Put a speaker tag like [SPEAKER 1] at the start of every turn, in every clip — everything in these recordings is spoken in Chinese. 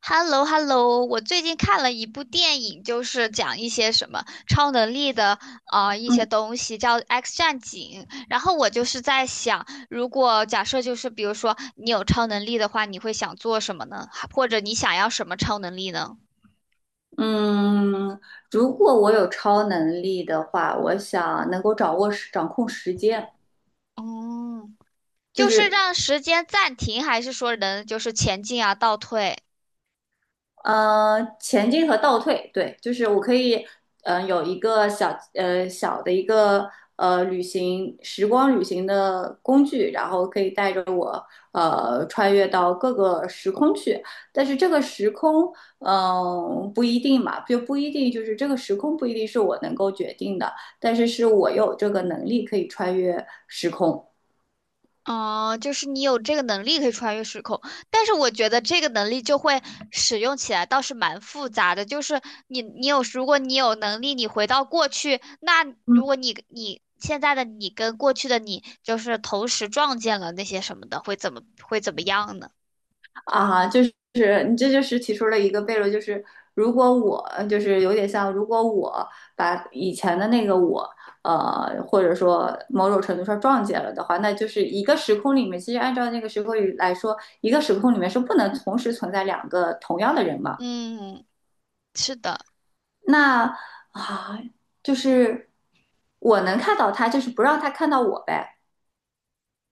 [SPEAKER 1] h e l l o h e l l o 我最近看了一部电影，就是讲一些什么超能力的一些
[SPEAKER 2] 嗯
[SPEAKER 1] 东西，叫《X 战警》。然后我就是在想，如果假设就是比如说你有超能力的话，你会想做什么呢？或者你想要什么超能力呢？
[SPEAKER 2] 嗯，如果我有超能力的话，我想能够掌控时间，
[SPEAKER 1] 哦，
[SPEAKER 2] 就
[SPEAKER 1] 就是
[SPEAKER 2] 是
[SPEAKER 1] 让时间暂停，还是说能就是前进啊、倒退？
[SPEAKER 2] 前进和倒退，对，就是我可以，有一个小的一个呃旅行时光旅行的工具，然后可以带着我穿越到各个时空去。但是这个时空，不一定嘛，就不一定就是这个时空不一定是我能够决定的，但是是我有这个能力可以穿越时空。
[SPEAKER 1] 哦，就是你有这个能力可以穿越时空，但是我觉得这个能力就会使用起来倒是蛮复杂的。就是你，你有，如果你有能力，你回到过去，那如
[SPEAKER 2] 嗯。
[SPEAKER 1] 果你现在的你跟过去的你就是同时撞见了那些什么的，会怎么样呢？
[SPEAKER 2] 啊，就是你这就是提出了一个悖论，就是如果我就是有点像，如果我把以前的那个我，或者说某种程度上撞见了的话，那就是一个时空里面，其实按照那个时空里来说，一个时空里面是不能同时存在两个同样的人嘛。
[SPEAKER 1] 嗯，是的。
[SPEAKER 2] 那啊，就是我能看到他，就是不让他看到我呗。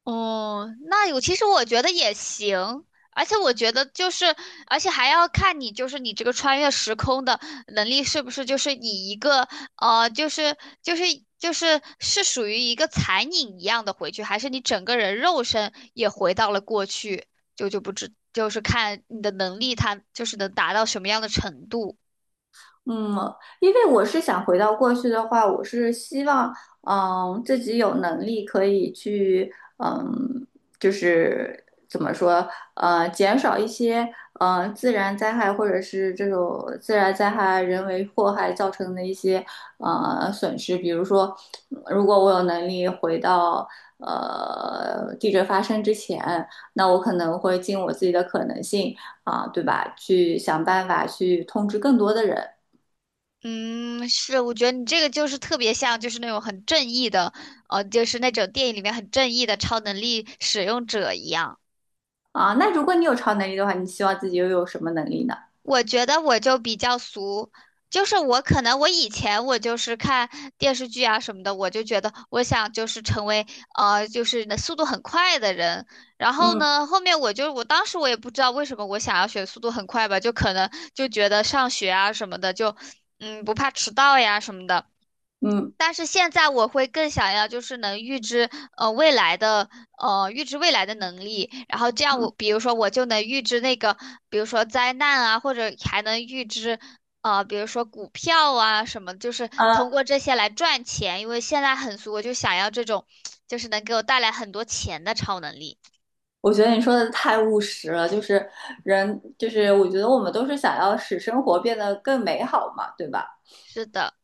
[SPEAKER 1] 哦，那有，其实我觉得也行，而且我觉得就是，而且还要看你就是你这个穿越时空的能力是不是就是以一个呃，就是就是就是是属于一个残影一样的回去，还是你整个人肉身也回到了过去，就就不知就是看你的能力它就是能达到什么样的程度。
[SPEAKER 2] 嗯，因为我是想回到过去的话，我是希望，嗯，自己有能力可以去，嗯，就是怎么说，减少一些，自然灾害或者是这种自然灾害、人为祸害造成的一些，损失。比如说，如果我有能力回到，地震发生之前，那我可能会尽我自己的可能性。啊，对吧？去想办法去通知更多的人。
[SPEAKER 1] 嗯，是，我觉得你这个就是特别像，就是那种很正义的，就是那种电影里面很正义的超能力使用者一样。
[SPEAKER 2] 啊，那如果你有超能力的话，你希望自己又有什么能力呢？
[SPEAKER 1] 我觉得我就比较俗，就是我可能我以前我就是看电视剧啊什么的，我就觉得我想就是成为就是那速度很快的人。然后
[SPEAKER 2] 嗯
[SPEAKER 1] 呢，后面我当时也不知道为什么我想要学速度很快吧，就可能就觉得上学啊什么的就不怕迟到呀什么的。
[SPEAKER 2] 嗯。
[SPEAKER 1] 但是现在我会更想要就是能预知呃未来的呃预知未来的能力，然后这样我比如说我就能预知那个比如说灾难啊，或者还能预知比如说股票啊什么，就是通
[SPEAKER 2] 啊，
[SPEAKER 1] 过这些来赚钱，因为现在很俗，我就想要这种就是能给我带来很多钱的超能力。
[SPEAKER 2] 我觉得你说的太务实了，就是人，就是我觉得我们都是想要使生活变得更美好嘛，对吧？
[SPEAKER 1] 是的。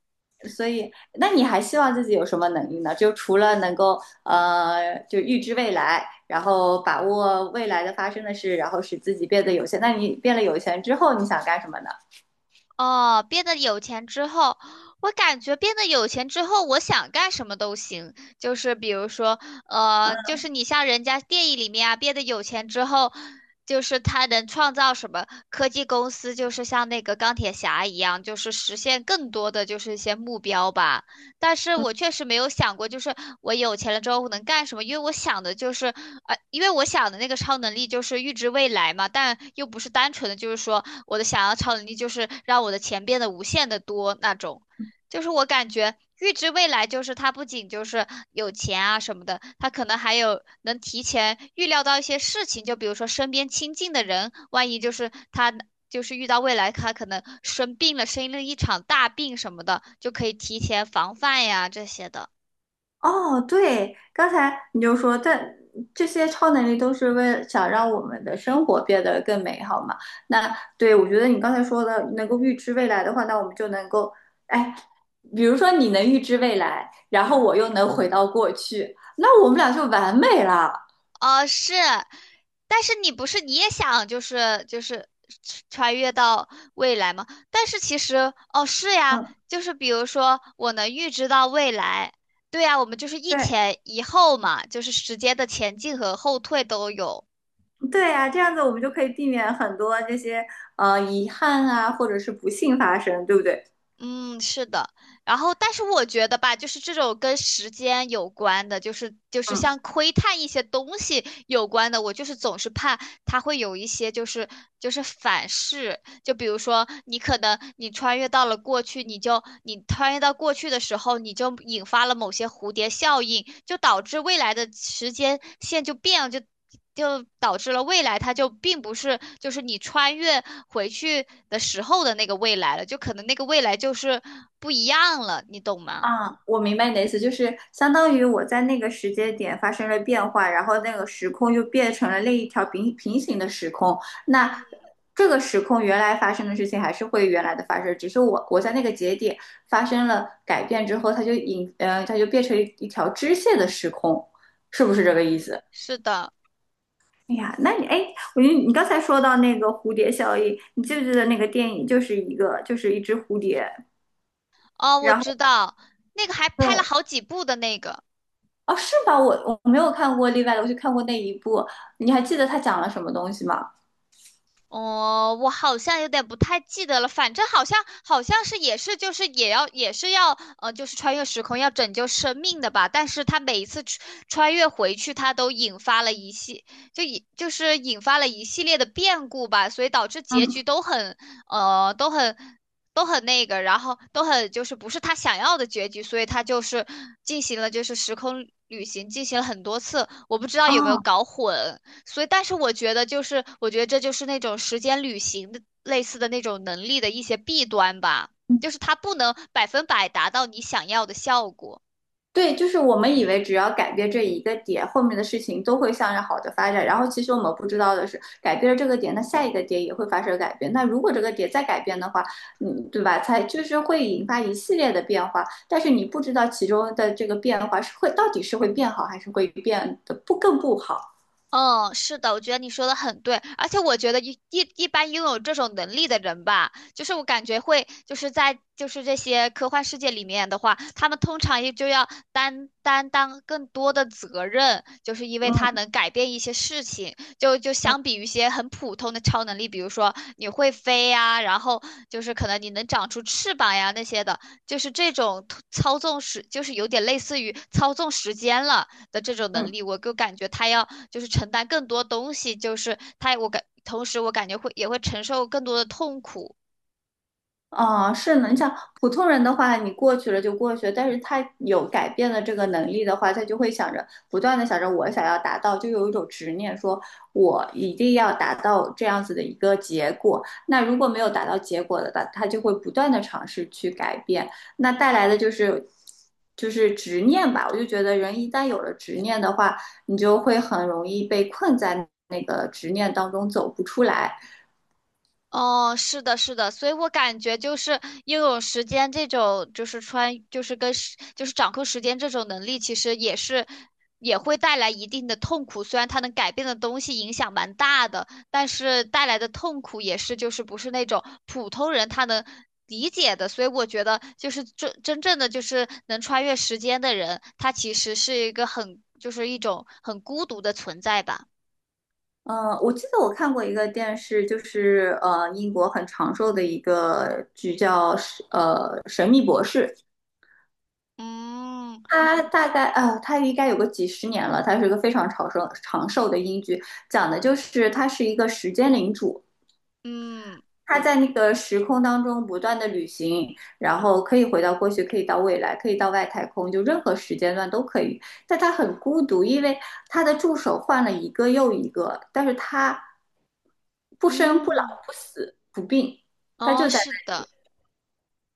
[SPEAKER 2] 所以，那你还希望自己有什么能力呢？就除了能够就预知未来，然后把握未来的发生的事，然后使自己变得有钱。那你变了有钱之后，你想干什么呢？
[SPEAKER 1] 哦，变得有钱之后，我感觉变得有钱之后，我想干什么都行。就是比如说，就是你像人家电影里面啊，变得有钱之后，就是他能创造什么科技公司，就是像那个钢铁侠一样，就是实现更多的就是一些目标吧。但是我确实没有想过，就是我有钱了之后我能干什么，因为我想的就是，因为我想的那个超能力就是预知未来嘛，但又不是单纯的，就是说我的想要超能力就是让我的钱变得无限的多那种。就是我感觉预知未来，就是他不仅就是有钱啊什么的，他可能还有能提前预料到一些事情，就比如说身边亲近的人，万一就是他就是遇到未来他可能生病了，生了一场大病什么的，就可以提前防范呀这些的。
[SPEAKER 2] 哦，对，刚才你就说，但这些超能力都是为了想让我们的生活变得更美好嘛。那对，我觉得你刚才说的，能够预知未来的话，那我们就能够，哎，比如说你能预知未来，然后我又能回到过去，那我们俩就完美了。
[SPEAKER 1] 哦，是，但是你不是你也想就是穿越到未来吗？但是其实哦是呀，
[SPEAKER 2] 嗯，
[SPEAKER 1] 就是比如说我能预知到未来，对呀，我们就是一
[SPEAKER 2] 对，
[SPEAKER 1] 前一后嘛，就是时间的前进和后退都有。
[SPEAKER 2] 对呀，这样子我们就可以避免很多这些遗憾啊，或者是不幸发生，对不对？
[SPEAKER 1] 嗯，是的。然后，但是我觉得吧，就是这种跟时间有关的，就是
[SPEAKER 2] 嗯。
[SPEAKER 1] 像窥探一些东西有关的，我就是总是怕它会有一些反噬。就比如说，你可能你穿越到了过去，你穿越到过去的时候，你就引发了某些蝴蝶效应，就导致未来的时间线就变了，就就导致了未来它就并不是就是你穿越回去的时候的那个未来了，就可能那个未来就是不一样了，你懂吗？
[SPEAKER 2] 啊，我明白你的意思，就是相当于我在那个时间点发生了变化，然后那个时空又变成了另一条平行的时空。那
[SPEAKER 1] 嗯，
[SPEAKER 2] 这个时空原来发生的事情还是会原来的发生，只是我在那个节点发生了改变之后，它就变成一条支线的时空，是不是这个意思？
[SPEAKER 1] 是的。
[SPEAKER 2] 哎呀，那你哎，我觉得你刚才说到那个蝴蝶效应，你记不记得那个电影就是一个就是一只蝴蝶，
[SPEAKER 1] 哦，我
[SPEAKER 2] 然
[SPEAKER 1] 知
[SPEAKER 2] 后
[SPEAKER 1] 道，那个还拍了
[SPEAKER 2] 对。
[SPEAKER 1] 好几部的那个。
[SPEAKER 2] 哦，是吧？我没有看过例外的，我就看过那一部。你还记得他讲了什么东西吗？
[SPEAKER 1] 哦，我好像有点不太记得了，反正好像是也是就是也是要就是穿越时空要拯救生命的吧。但是他每一次穿越回去，他都引发了一系就引就是引发了一系列的变故吧，所以导致结局
[SPEAKER 2] 嗯。
[SPEAKER 1] 都很呃都很都很那个，然后都很就是不是他想要的结局，所以他就是进行了就是时空旅行，进行了很多次，我不知道有没有
[SPEAKER 2] 哦。
[SPEAKER 1] 搞混。所以，但是我觉得，就是我觉得这就是那种时间旅行的类似的那种能力的一些弊端吧，
[SPEAKER 2] 嗯,
[SPEAKER 1] 就是它不能百分百达到你想要的效果。
[SPEAKER 2] 对，就是我们以为只要改变这一个点，后面的事情都会向着好的发展。然后其实我们不知道的是，改变了这个点，那下一个点也会发生改变。那如果这个点再改变的话，嗯，对吧？才就是会引发一系列的变化。但是你不知道其中的这个变化是会到底是会变好，还是会变得不更不好。
[SPEAKER 1] 嗯，是的，我觉得你说的很对，而且我觉得一般拥有这种能力的人吧，就是我感觉会就是在就是这些科幻世界里面的话，他们通常也就要担当更多的责任，就是因为他
[SPEAKER 2] 嗯
[SPEAKER 1] 能改变一些事情，就就
[SPEAKER 2] 嗯
[SPEAKER 1] 相比于一些很普通的超能力，比如说你会飞呀，然后就是可能你能长出翅膀呀那些的，就是这种操纵时，就是有点类似于操纵时间了。的这种能
[SPEAKER 2] 嗯。
[SPEAKER 1] 力，我就感觉他要就是承担更多东西，就是他我感同时我感觉会也会承受更多的痛苦。
[SPEAKER 2] 哦，是你想普通人的话，你过去了就过去了，但是他有改变的这个能力的话，他就会想着不断的想着我想要达到，就有一种执念，说我一定要达到这样子的一个结果。那如果没有达到结果的，他就会不断的尝试去改变，那带来的就是就是执念吧。我就觉得人一旦有了执念的话，你就会很容易被困在那个执念当中走不出来。
[SPEAKER 1] 哦，是的，是的，所以我感觉就是拥有时间这种，就是穿，就是跟时，就是掌控时间这种能力，其实也是也会带来一定的痛苦。虽然它能改变的东西影响蛮大的，但是带来的痛苦也是就是不是那种普通人他能理解的。所以我觉得就是真正的就是能穿越时间的人，他其实是一个很就是一种很孤独的存在吧。
[SPEAKER 2] 我记得我看过一个电视，就是英国很长寿的一个剧叫《神秘博士》，
[SPEAKER 1] 嗯
[SPEAKER 2] 它大概它应该有个几十年了，它是一个非常长寿的英剧，讲的就是他是一个时间领主，
[SPEAKER 1] 嗯
[SPEAKER 2] 他在那个时空当中不断的旅行，然后可以回到过去，可以到未来，可以到外太空，就任何时间段都可以。但他很孤独，因为他的助手换了一个又一个，但是他不生不老
[SPEAKER 1] 嗯。
[SPEAKER 2] 不死不病，他
[SPEAKER 1] 哦，
[SPEAKER 2] 就在
[SPEAKER 1] 是
[SPEAKER 2] 那
[SPEAKER 1] 的。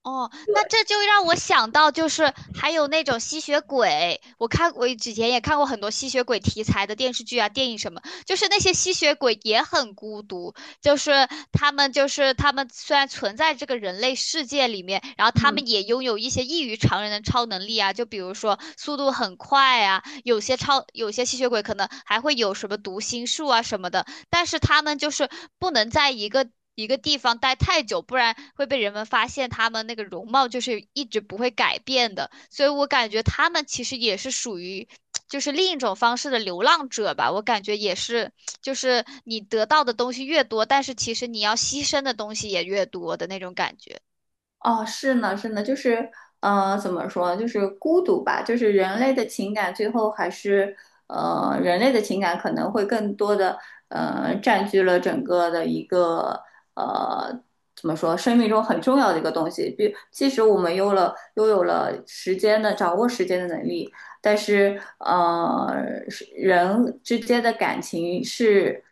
[SPEAKER 1] 哦，
[SPEAKER 2] 对，
[SPEAKER 1] 那这就让我想到，就是还有那种吸血鬼，我之前也看过很多吸血鬼题材的电视剧啊、电影什么，就是那些吸血鬼也很孤独，他们虽然存在这个人类世界里面，然后他
[SPEAKER 2] 嗯。
[SPEAKER 1] 们也拥有一些异于常人的超能力啊，就比如说速度很快啊，有些吸血鬼可能还会有什么读心术啊什么的，但是他们就是不能在一个地方待太久，不然会被人们发现他们那个容貌就是一直不会改变的。所以我感觉他们其实也是属于就是另一种方式的流浪者吧。我感觉也是，就是你得到的东西越多，但是其实你要牺牲的东西也越多的那种感觉。
[SPEAKER 2] 哦，是呢，是呢，就是，怎么说呢，就是孤独吧，就是人类的情感，最后还是，人类的情感可能会更多的，占据了整个的一个，呃，怎么说，生命中很重要的一个东西。比，即使我们有了，拥有了时间的掌握时间的能力，但是是人之间的感情是，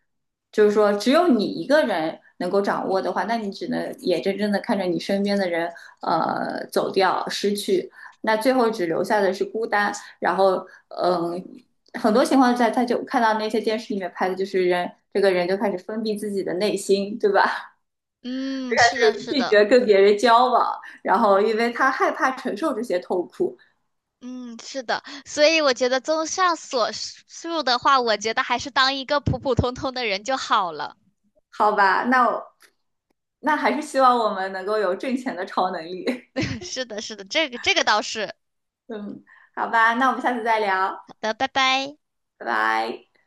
[SPEAKER 2] 就是说只有你一个人能够掌握的话，那你只能眼睁睁的看着你身边的人走掉、失去，那最后只留下的是孤单。然后很多情况在，他就看到那些电视里面拍的，就是人这个人就开始封闭自己的内心，对吧？
[SPEAKER 1] 嗯，
[SPEAKER 2] 就开
[SPEAKER 1] 是的，
[SPEAKER 2] 始
[SPEAKER 1] 是
[SPEAKER 2] 拒
[SPEAKER 1] 的。
[SPEAKER 2] 绝跟别人交往，然后因为他害怕承受这些痛苦。
[SPEAKER 1] 嗯，是的，所以我觉得综上所述的话，我觉得还是当一个普普通通的人就好了。
[SPEAKER 2] 好吧，那我那还是希望我们能够有挣钱的超能力。
[SPEAKER 1] 是的，是的，这个这个倒是。
[SPEAKER 2] 嗯，好吧，那我们下次再聊，
[SPEAKER 1] 好的，拜拜。
[SPEAKER 2] 拜拜。